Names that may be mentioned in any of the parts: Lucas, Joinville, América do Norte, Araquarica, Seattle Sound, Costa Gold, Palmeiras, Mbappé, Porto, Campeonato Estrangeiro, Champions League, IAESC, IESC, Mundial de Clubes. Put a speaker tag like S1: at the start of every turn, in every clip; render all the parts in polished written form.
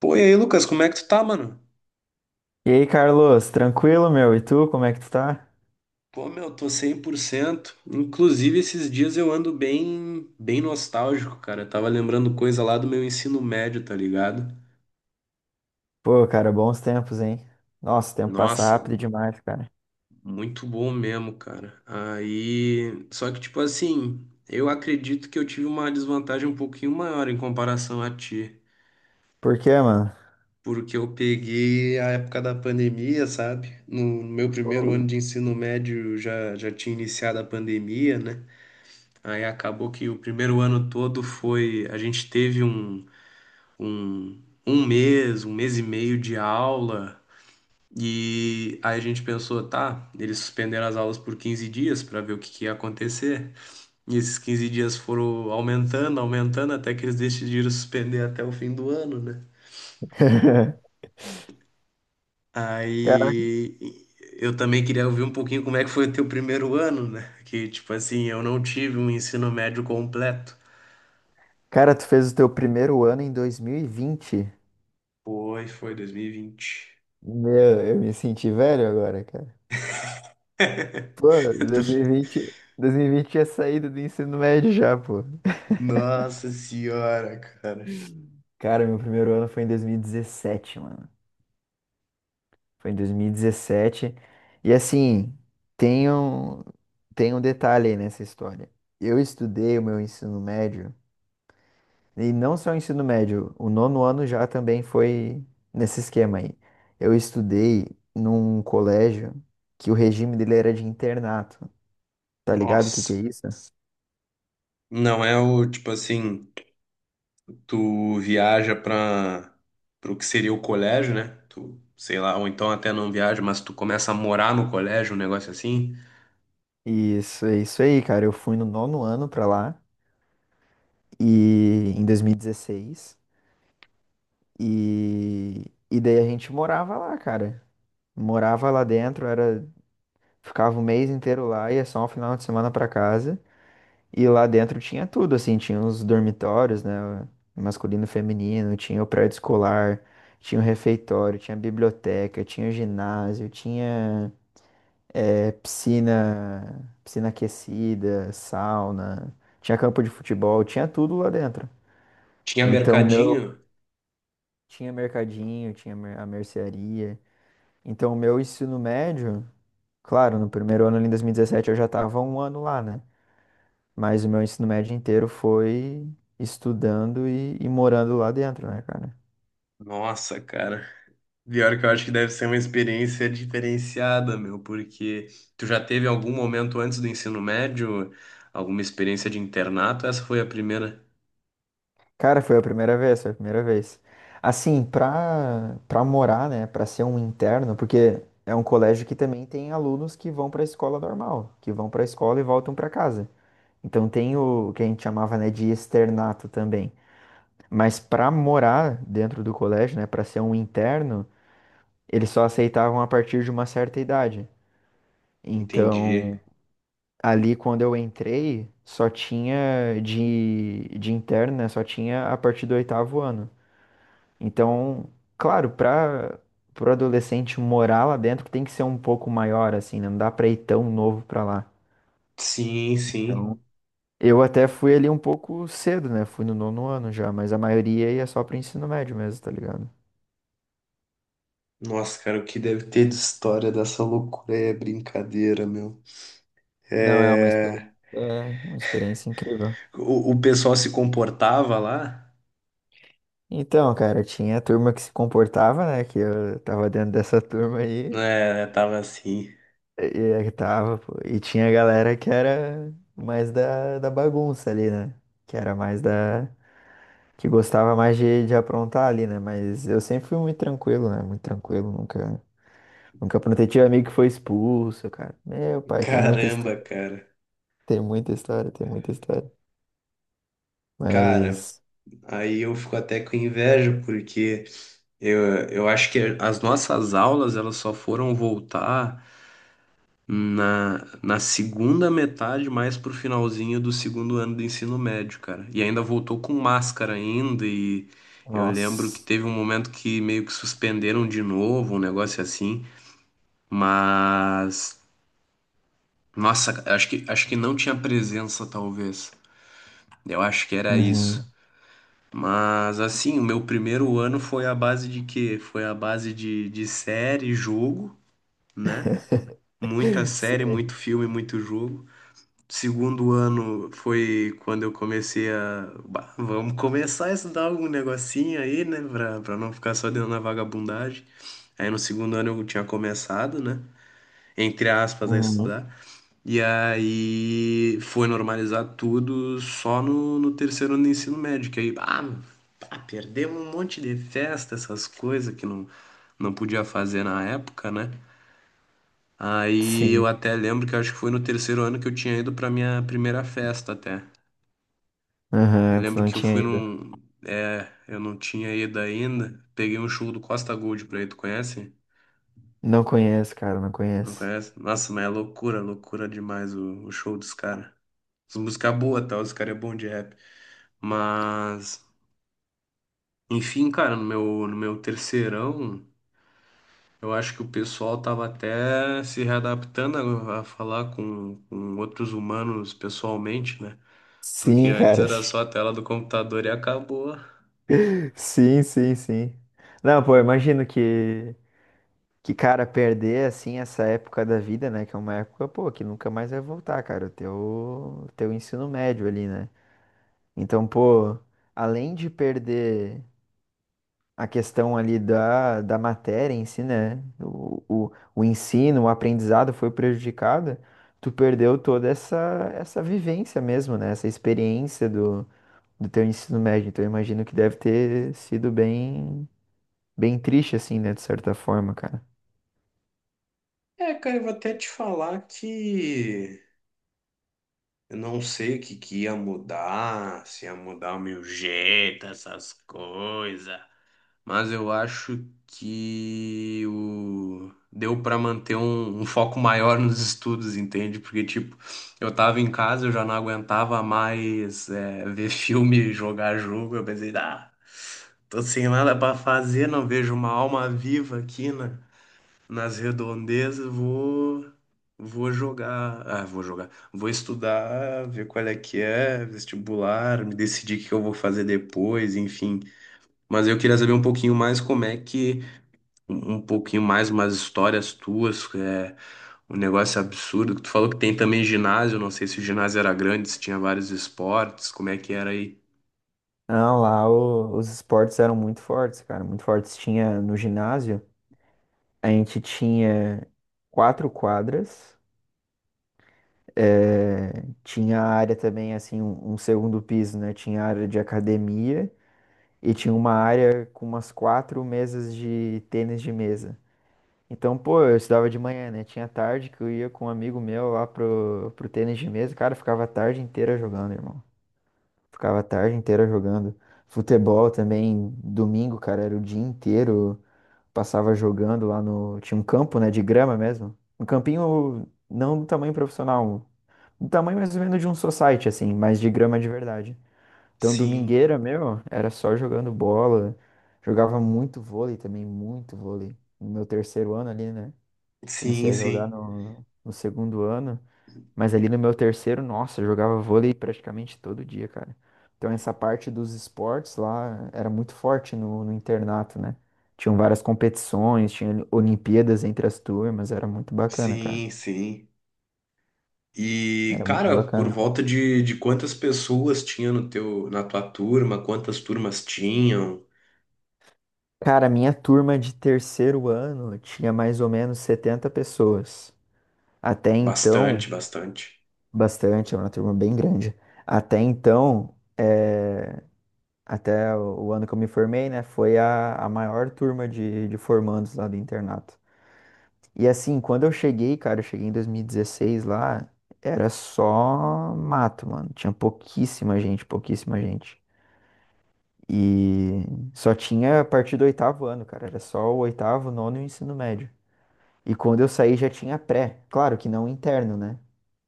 S1: Pô, e aí, Lucas, como é que tu tá, mano?
S2: E aí, Carlos, tranquilo, meu? E tu, como é que tu tá?
S1: Pô, meu, tô 100%. Inclusive, esses dias eu ando bem, bem nostálgico, cara. Eu tava lembrando coisa lá do meu ensino médio, tá ligado?
S2: Pô, cara, bons tempos, hein? Nossa, o tempo passa
S1: Nossa,
S2: rápido demais, cara.
S1: muito bom mesmo, cara. Aí, só que tipo assim, eu acredito que eu tive uma desvantagem um pouquinho maior em comparação a ti,
S2: Por quê, mano?
S1: porque eu peguei a época da pandemia, sabe? No meu
S2: Pô.
S1: primeiro ano de ensino médio já tinha iniciado a pandemia, né? Aí acabou que o primeiro ano todo foi. A gente teve um mês e meio de aula. E aí a gente pensou, tá, eles suspenderam as aulas por 15 dias para ver que ia acontecer. E esses 15 dias foram aumentando, aumentando, até que eles decidiram suspender até o fim do ano, né?
S2: Caraca,
S1: Aí eu também queria ouvir um pouquinho como é que foi o teu primeiro ano, né? Que, tipo assim, eu não tive um ensino médio completo.
S2: cara, tu fez o teu primeiro ano em 2020.
S1: Foi 2020.
S2: Meu, eu me senti velho agora, cara. Pô, 2020, 2020 é saída do ensino médio já, pô.
S1: Nossa senhora, cara.
S2: Cara, meu primeiro ano foi em 2017, mano. Foi em dois mil e dezessete e assim, tem um, tem um detalhe aí nessa história. Eu estudei o meu ensino médio, e não só o ensino médio, o nono ano já também foi nesse esquema aí. Eu estudei num colégio que o regime dele era de internato. Tá ligado o que que é
S1: Nossa.
S2: isso?
S1: Não, é o tipo assim, tu viaja para o que seria o colégio, né? Tu, sei lá, ou então até não viaja, mas tu começa a morar no colégio, um negócio assim.
S2: Isso, é isso aí, cara. Eu fui no nono ano pra lá e em 2016 e daí a gente morava lá, cara. Morava lá dentro, era ficava o mês inteiro lá, ia só um final de semana pra casa. E lá dentro tinha tudo, assim, tinha os dormitórios, né, masculino e feminino, tinha o prédio escolar, tinha o refeitório, tinha a biblioteca, tinha o ginásio, tinha piscina, piscina aquecida, sauna, tinha campo de futebol, tinha tudo lá dentro.
S1: Tinha
S2: Então, o meu
S1: mercadinho.
S2: tinha mercadinho, tinha a mercearia. Então, o meu ensino médio claro, no primeiro ano ali em 2017 eu já estava um ano lá, né? Mas o meu ensino médio inteiro foi estudando e morando lá dentro, né, cara?
S1: Nossa, cara. Pior que eu acho que deve ser uma experiência diferenciada, meu, porque tu já teve algum momento antes do ensino médio, alguma experiência de internato? Essa foi a primeira.
S2: Cara, foi a primeira vez, foi a primeira vez. Assim, pra morar, né, pra ser um interno, porque é um colégio que também tem alunos que vão pra escola normal, que vão pra escola e voltam pra casa. Então tem o que a gente chamava, né, de externato também. Mas pra morar dentro do colégio, né, pra ser um interno, eles só aceitavam a partir de uma certa idade. Então,
S1: Entendi.
S2: ali quando eu entrei, só tinha de interno, né? Só tinha a partir do oitavo ano. Então, claro, para o adolescente morar lá dentro tem que ser um pouco maior, assim, né? Não dá pra ir tão novo pra lá.
S1: Sim, sim.
S2: Então, eu até fui ali um pouco cedo, né? Fui no nono ano já, mas a maioria ia só pro ensino médio mesmo, tá ligado?
S1: Nossa, cara, o que deve ter de história dessa loucura aí é brincadeira, meu.
S2: Não,
S1: É...
S2: é uma experiência incrível.
S1: O pessoal se comportava lá,
S2: Então, cara, tinha a turma que se comportava, né? Que eu tava dentro dessa turma aí.
S1: né? Tava assim.
S2: E é que tava, pô. E tinha a galera que era mais da bagunça ali, né? Que era mais da. Que gostava mais de aprontar ali, né? Mas eu sempre fui muito tranquilo, né? Muito tranquilo, nunca. Nunca aprontei. Tive amigo que foi expulso, cara. Meu pai, tem muita história.
S1: Caramba, cara.
S2: Tem muita história, tem muita história.
S1: Cara,
S2: Mas.
S1: aí eu fico até com inveja, porque eu acho que as nossas aulas, elas só foram voltar na segunda metade, mais pro finalzinho do segundo ano do ensino médio, cara. E ainda voltou com máscara ainda e eu lembro que
S2: Nossa.
S1: teve um momento que meio que suspenderam de novo, um negócio assim, mas nossa, acho que não tinha presença talvez. Eu acho que era isso.
S2: Uhum.
S1: Mas assim, o meu primeiro ano foi a base de quê? Foi a base de série, jogo, né? Muita série,
S2: Sim.
S1: muito filme, muito jogo. Segundo ano foi quando eu comecei a. "Bah, vamos começar a estudar algum negocinho aí, né? Pra não ficar só dentro na vagabundagem. Aí no segundo ano eu tinha começado, né? Entre aspas, a
S2: Uhum.
S1: estudar. E aí foi normalizar tudo só no terceiro ano do ensino médio. Que aí, ah, pá, perdemos um monte de festa, essas coisas que não podia fazer na época, né? Aí eu
S2: Sim.
S1: até lembro que acho que foi no terceiro ano que eu tinha ido pra minha primeira festa até. Eu
S2: Aham, tu
S1: lembro
S2: não
S1: que eu
S2: tinha
S1: fui
S2: ido.
S1: num. É, eu não tinha ido ainda. Peguei um show do Costa Gold pra ir. Tu conhece?
S2: Não conheço, cara, não
S1: Não
S2: conheço.
S1: conhece? Nossa, mas é loucura, loucura demais o show dos caras. As músicas boas, tal. Os caras é bom de rap. Mas, enfim, cara, no meu terceirão, eu acho que o pessoal tava até se readaptando a falar com outros humanos pessoalmente, né? Porque
S2: Sim,
S1: antes
S2: cara.
S1: era só a tela do computador e acabou.
S2: Sim, sim, sim. Não, pô, eu imagino que, cara, perder, assim, essa época da vida, né? Que é uma época, pô, que nunca mais vai voltar, cara. O teu ensino médio ali, né? Então, pô, além de perder a questão ali da matéria em si, né? O ensino, o aprendizado foi prejudicado. Tu perdeu toda essa vivência mesmo, né? Essa experiência do teu ensino médio. Então, eu imagino que deve ter sido bem. Bem triste, assim, né? De certa forma, cara.
S1: É, cara, eu vou até te falar que. Eu não sei o que que ia mudar, se ia mudar o meu jeito, essas coisas. Mas eu acho que o... deu pra manter um foco maior nos estudos, entende? Porque, tipo, eu tava em casa, eu já não aguentava mais é, ver filme, jogar jogo. Eu pensei, ah, tô sem nada pra fazer, não vejo uma alma viva aqui, né? Nas redondezas, vou jogar, ah, vou jogar, vou estudar, ver qual é que é, vestibular, me decidir o que eu vou fazer depois, enfim. Mas eu queria saber um pouquinho mais como é que um pouquinho mais umas histórias tuas, é um negócio absurdo que tu falou que tem também ginásio, não sei se o ginásio era grande, se tinha vários esportes, como é que era aí?
S2: Não, lá os esportes eram muito fortes, cara, muito fortes. Tinha no ginásio, a gente tinha quatro quadras, eh, tinha a área também, assim, um segundo piso, né? Tinha a área de academia e tinha uma área com umas quatro mesas de tênis de mesa. Então, pô, eu estudava de manhã, né? Tinha tarde que eu ia com um amigo meu lá pro, pro, tênis de mesa, cara, eu ficava a tarde inteira jogando, irmão. Ficava a tarde inteira jogando. Futebol também, domingo, cara, era o dia inteiro. Passava jogando lá no. Tinha um campo, né, de grama mesmo. Um campinho não do tamanho profissional. Do tamanho mais ou menos de um society, assim, mas de grama de verdade. Então,
S1: Sim,
S2: domingueira, meu, era só jogando bola. Jogava muito vôlei também, muito vôlei. No meu terceiro ano ali, né? Comecei
S1: sim,
S2: a jogar
S1: sim.
S2: no segundo ano. Mas ali no meu terceiro, nossa, eu jogava vôlei praticamente todo dia, cara. Então essa parte dos esportes lá era muito forte no internato, né? Tinham várias competições, tinha Olimpíadas entre as turmas, era muito bacana, cara.
S1: Sim, sim. E,
S2: Era muito
S1: cara, por
S2: bacana.
S1: volta de quantas pessoas tinha no teu, na tua turma, quantas turmas tinham?
S2: Cara, a minha turma de terceiro ano tinha mais ou menos 70 pessoas. Até
S1: Bastante,
S2: então,
S1: bastante.
S2: bastante, era uma turma bem grande. Até então, até o ano que eu me formei, né? Foi a maior turma de formandos lá do internato. E assim, quando eu cheguei, cara, eu cheguei em 2016 lá, era só mato, mano. Tinha pouquíssima gente, pouquíssima gente. E só tinha a partir do oitavo ano, cara. Era só o oitavo, nono e o ensino médio. E quando eu saí já tinha pré. Claro que não interno, né?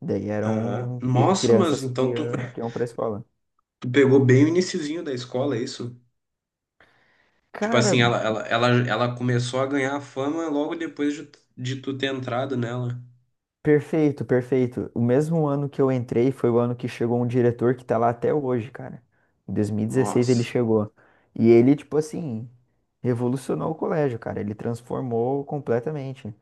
S2: Daí
S1: Aham.
S2: eram
S1: Nossa, mas
S2: crianças que,
S1: então
S2: que iam pra escola.
S1: tu pegou bem o iniciozinho da escola, é isso? Tipo
S2: Cara,
S1: assim, ela começou a ganhar fama logo depois de tu ter entrado nela.
S2: perfeito, perfeito. O mesmo ano que eu entrei foi o ano que chegou um diretor que tá lá até hoje, cara. Em 2016 ele
S1: Nossa.
S2: chegou. E ele, tipo assim, revolucionou o colégio, cara. Ele transformou completamente.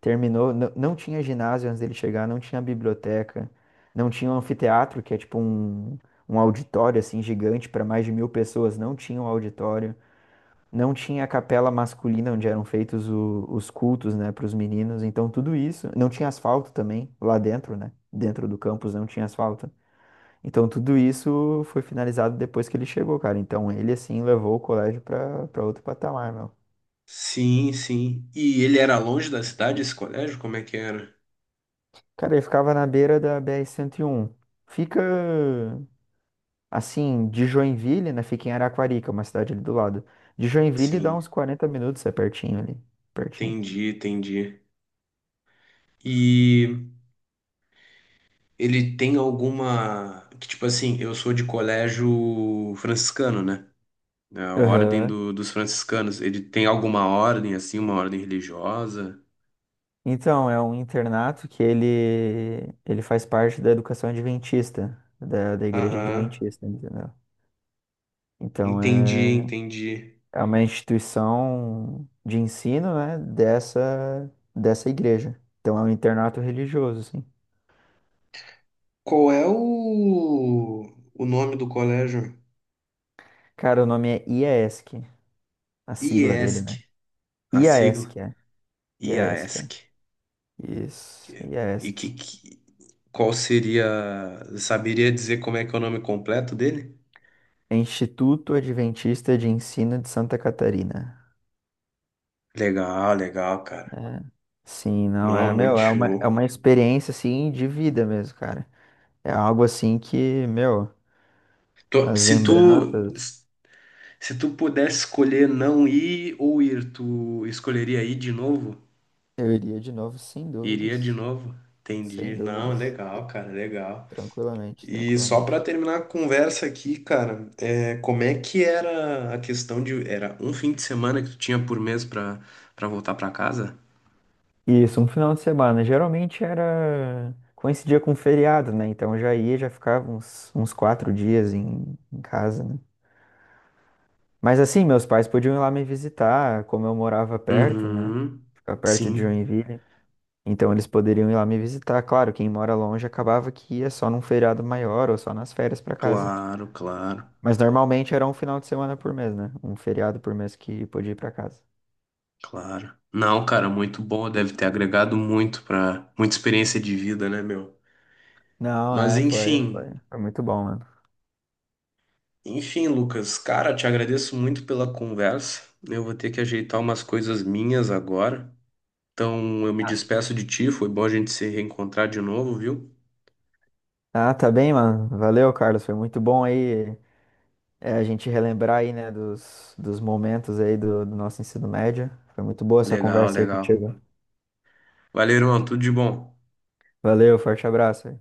S2: Terminou, não tinha ginásio antes dele chegar, não tinha biblioteca, não tinha um anfiteatro, que é tipo um auditório, assim, gigante para mais de mil pessoas. Não tinha um auditório. Não tinha a capela masculina onde eram feitos os cultos, né, para os meninos. Então tudo isso, não tinha asfalto também lá dentro, né? Dentro do campus não tinha asfalto. Então tudo isso foi finalizado depois que ele chegou, cara. Então ele assim levou o colégio para outro patamar, meu.
S1: Sim, sim. E ele era longe da cidade, esse colégio? Como é que era?
S2: Cara, ele ficava na beira da br um. Fica assim de Joinville, né? Fica em Araquarica, uma cidade ali do lado. De Joinville dá
S1: Sim,
S2: uns 40 minutos, é pertinho ali, pertinho.
S1: entendi, entendi. E ele tem alguma. Que, tipo assim, eu sou de colégio franciscano, né? É a ordem
S2: Aham.
S1: do- dos franciscanos. Ele tem alguma ordem, assim, uma ordem religiosa?
S2: Então, é um internato que ele faz parte da educação adventista, da igreja
S1: Aham.
S2: adventista, entendeu? Então,
S1: Entendi,
S2: é,
S1: entendi.
S2: é uma instituição de ensino, né, dessa igreja. Então, é um internato religioso, assim.
S1: Qual é o nome do colégio?
S2: Cara, o nome é IAESC, a sigla dele,
S1: IESC,
S2: né?
S1: a sigla.
S2: IAESC, é. IAESC, é.
S1: IASC.
S2: Isso,
S1: Que- E
S2: IAESC.
S1: que, que- qual seria. Saberia dizer como é que é o nome completo dele?
S2: É Instituto Adventista de Ensino de Santa Catarina.
S1: Legal, legal, cara.
S2: É. Sim, não,
S1: Não,
S2: é,
S1: muito
S2: meu, é uma, é
S1: show.
S2: uma experiência, assim, de vida mesmo, cara. É algo, assim, que, meu,
S1: Tu-
S2: as
S1: Se tu,
S2: lembranças,
S1: se tu pudesse escolher não ir ou ir, tu escolheria ir de novo?
S2: eu iria de novo, sem
S1: Iria de
S2: dúvidas,
S1: novo?
S2: sem
S1: Entendi. Não,
S2: dúvidas,
S1: legal, cara, legal.
S2: tranquilamente,
S1: E só pra
S2: tranquilamente.
S1: terminar a conversa aqui, cara, é, como é que era a questão de... Era um fim de semana que tu tinha por mês pra, pra voltar pra casa?
S2: Isso, um final de semana, geralmente era, coincidia com feriado, né, então eu já ia, já ficava uns 4 dias em casa, né. Mas, assim, meus pais podiam ir lá me visitar, como eu morava perto, né,
S1: Uhum.
S2: ficar perto de
S1: Sim,
S2: Joinville. Então eles poderiam ir lá me visitar. Claro, quem mora longe acabava que ia só num feriado maior ou só nas férias pra casa.
S1: claro, claro,
S2: Mas normalmente era um final de semana por mês, né? Um feriado por mês que podia ir pra casa.
S1: claro. Não, cara, muito bom. Deve ter agregado muito pra... Muita experiência de vida, né, meu?
S2: Não,
S1: Mas
S2: é, foi,
S1: enfim...
S2: foi, foi muito bom, mano.
S1: Enfim, Lucas, cara, te agradeço muito pela conversa. Eu vou ter que ajeitar umas coisas minhas agora. Então, eu me
S2: Ah,
S1: despeço de ti. Foi bom a gente se reencontrar de novo, viu?
S2: Ah, tá bem, mano. Valeu, Carlos. Foi muito bom aí a gente relembrar aí, né, dos momentos aí do nosso ensino médio. Foi muito boa essa
S1: Legal,
S2: conversa aí
S1: legal.
S2: contigo.
S1: Valeu, irmão. Tudo de bom.
S2: Valeu, forte abraço.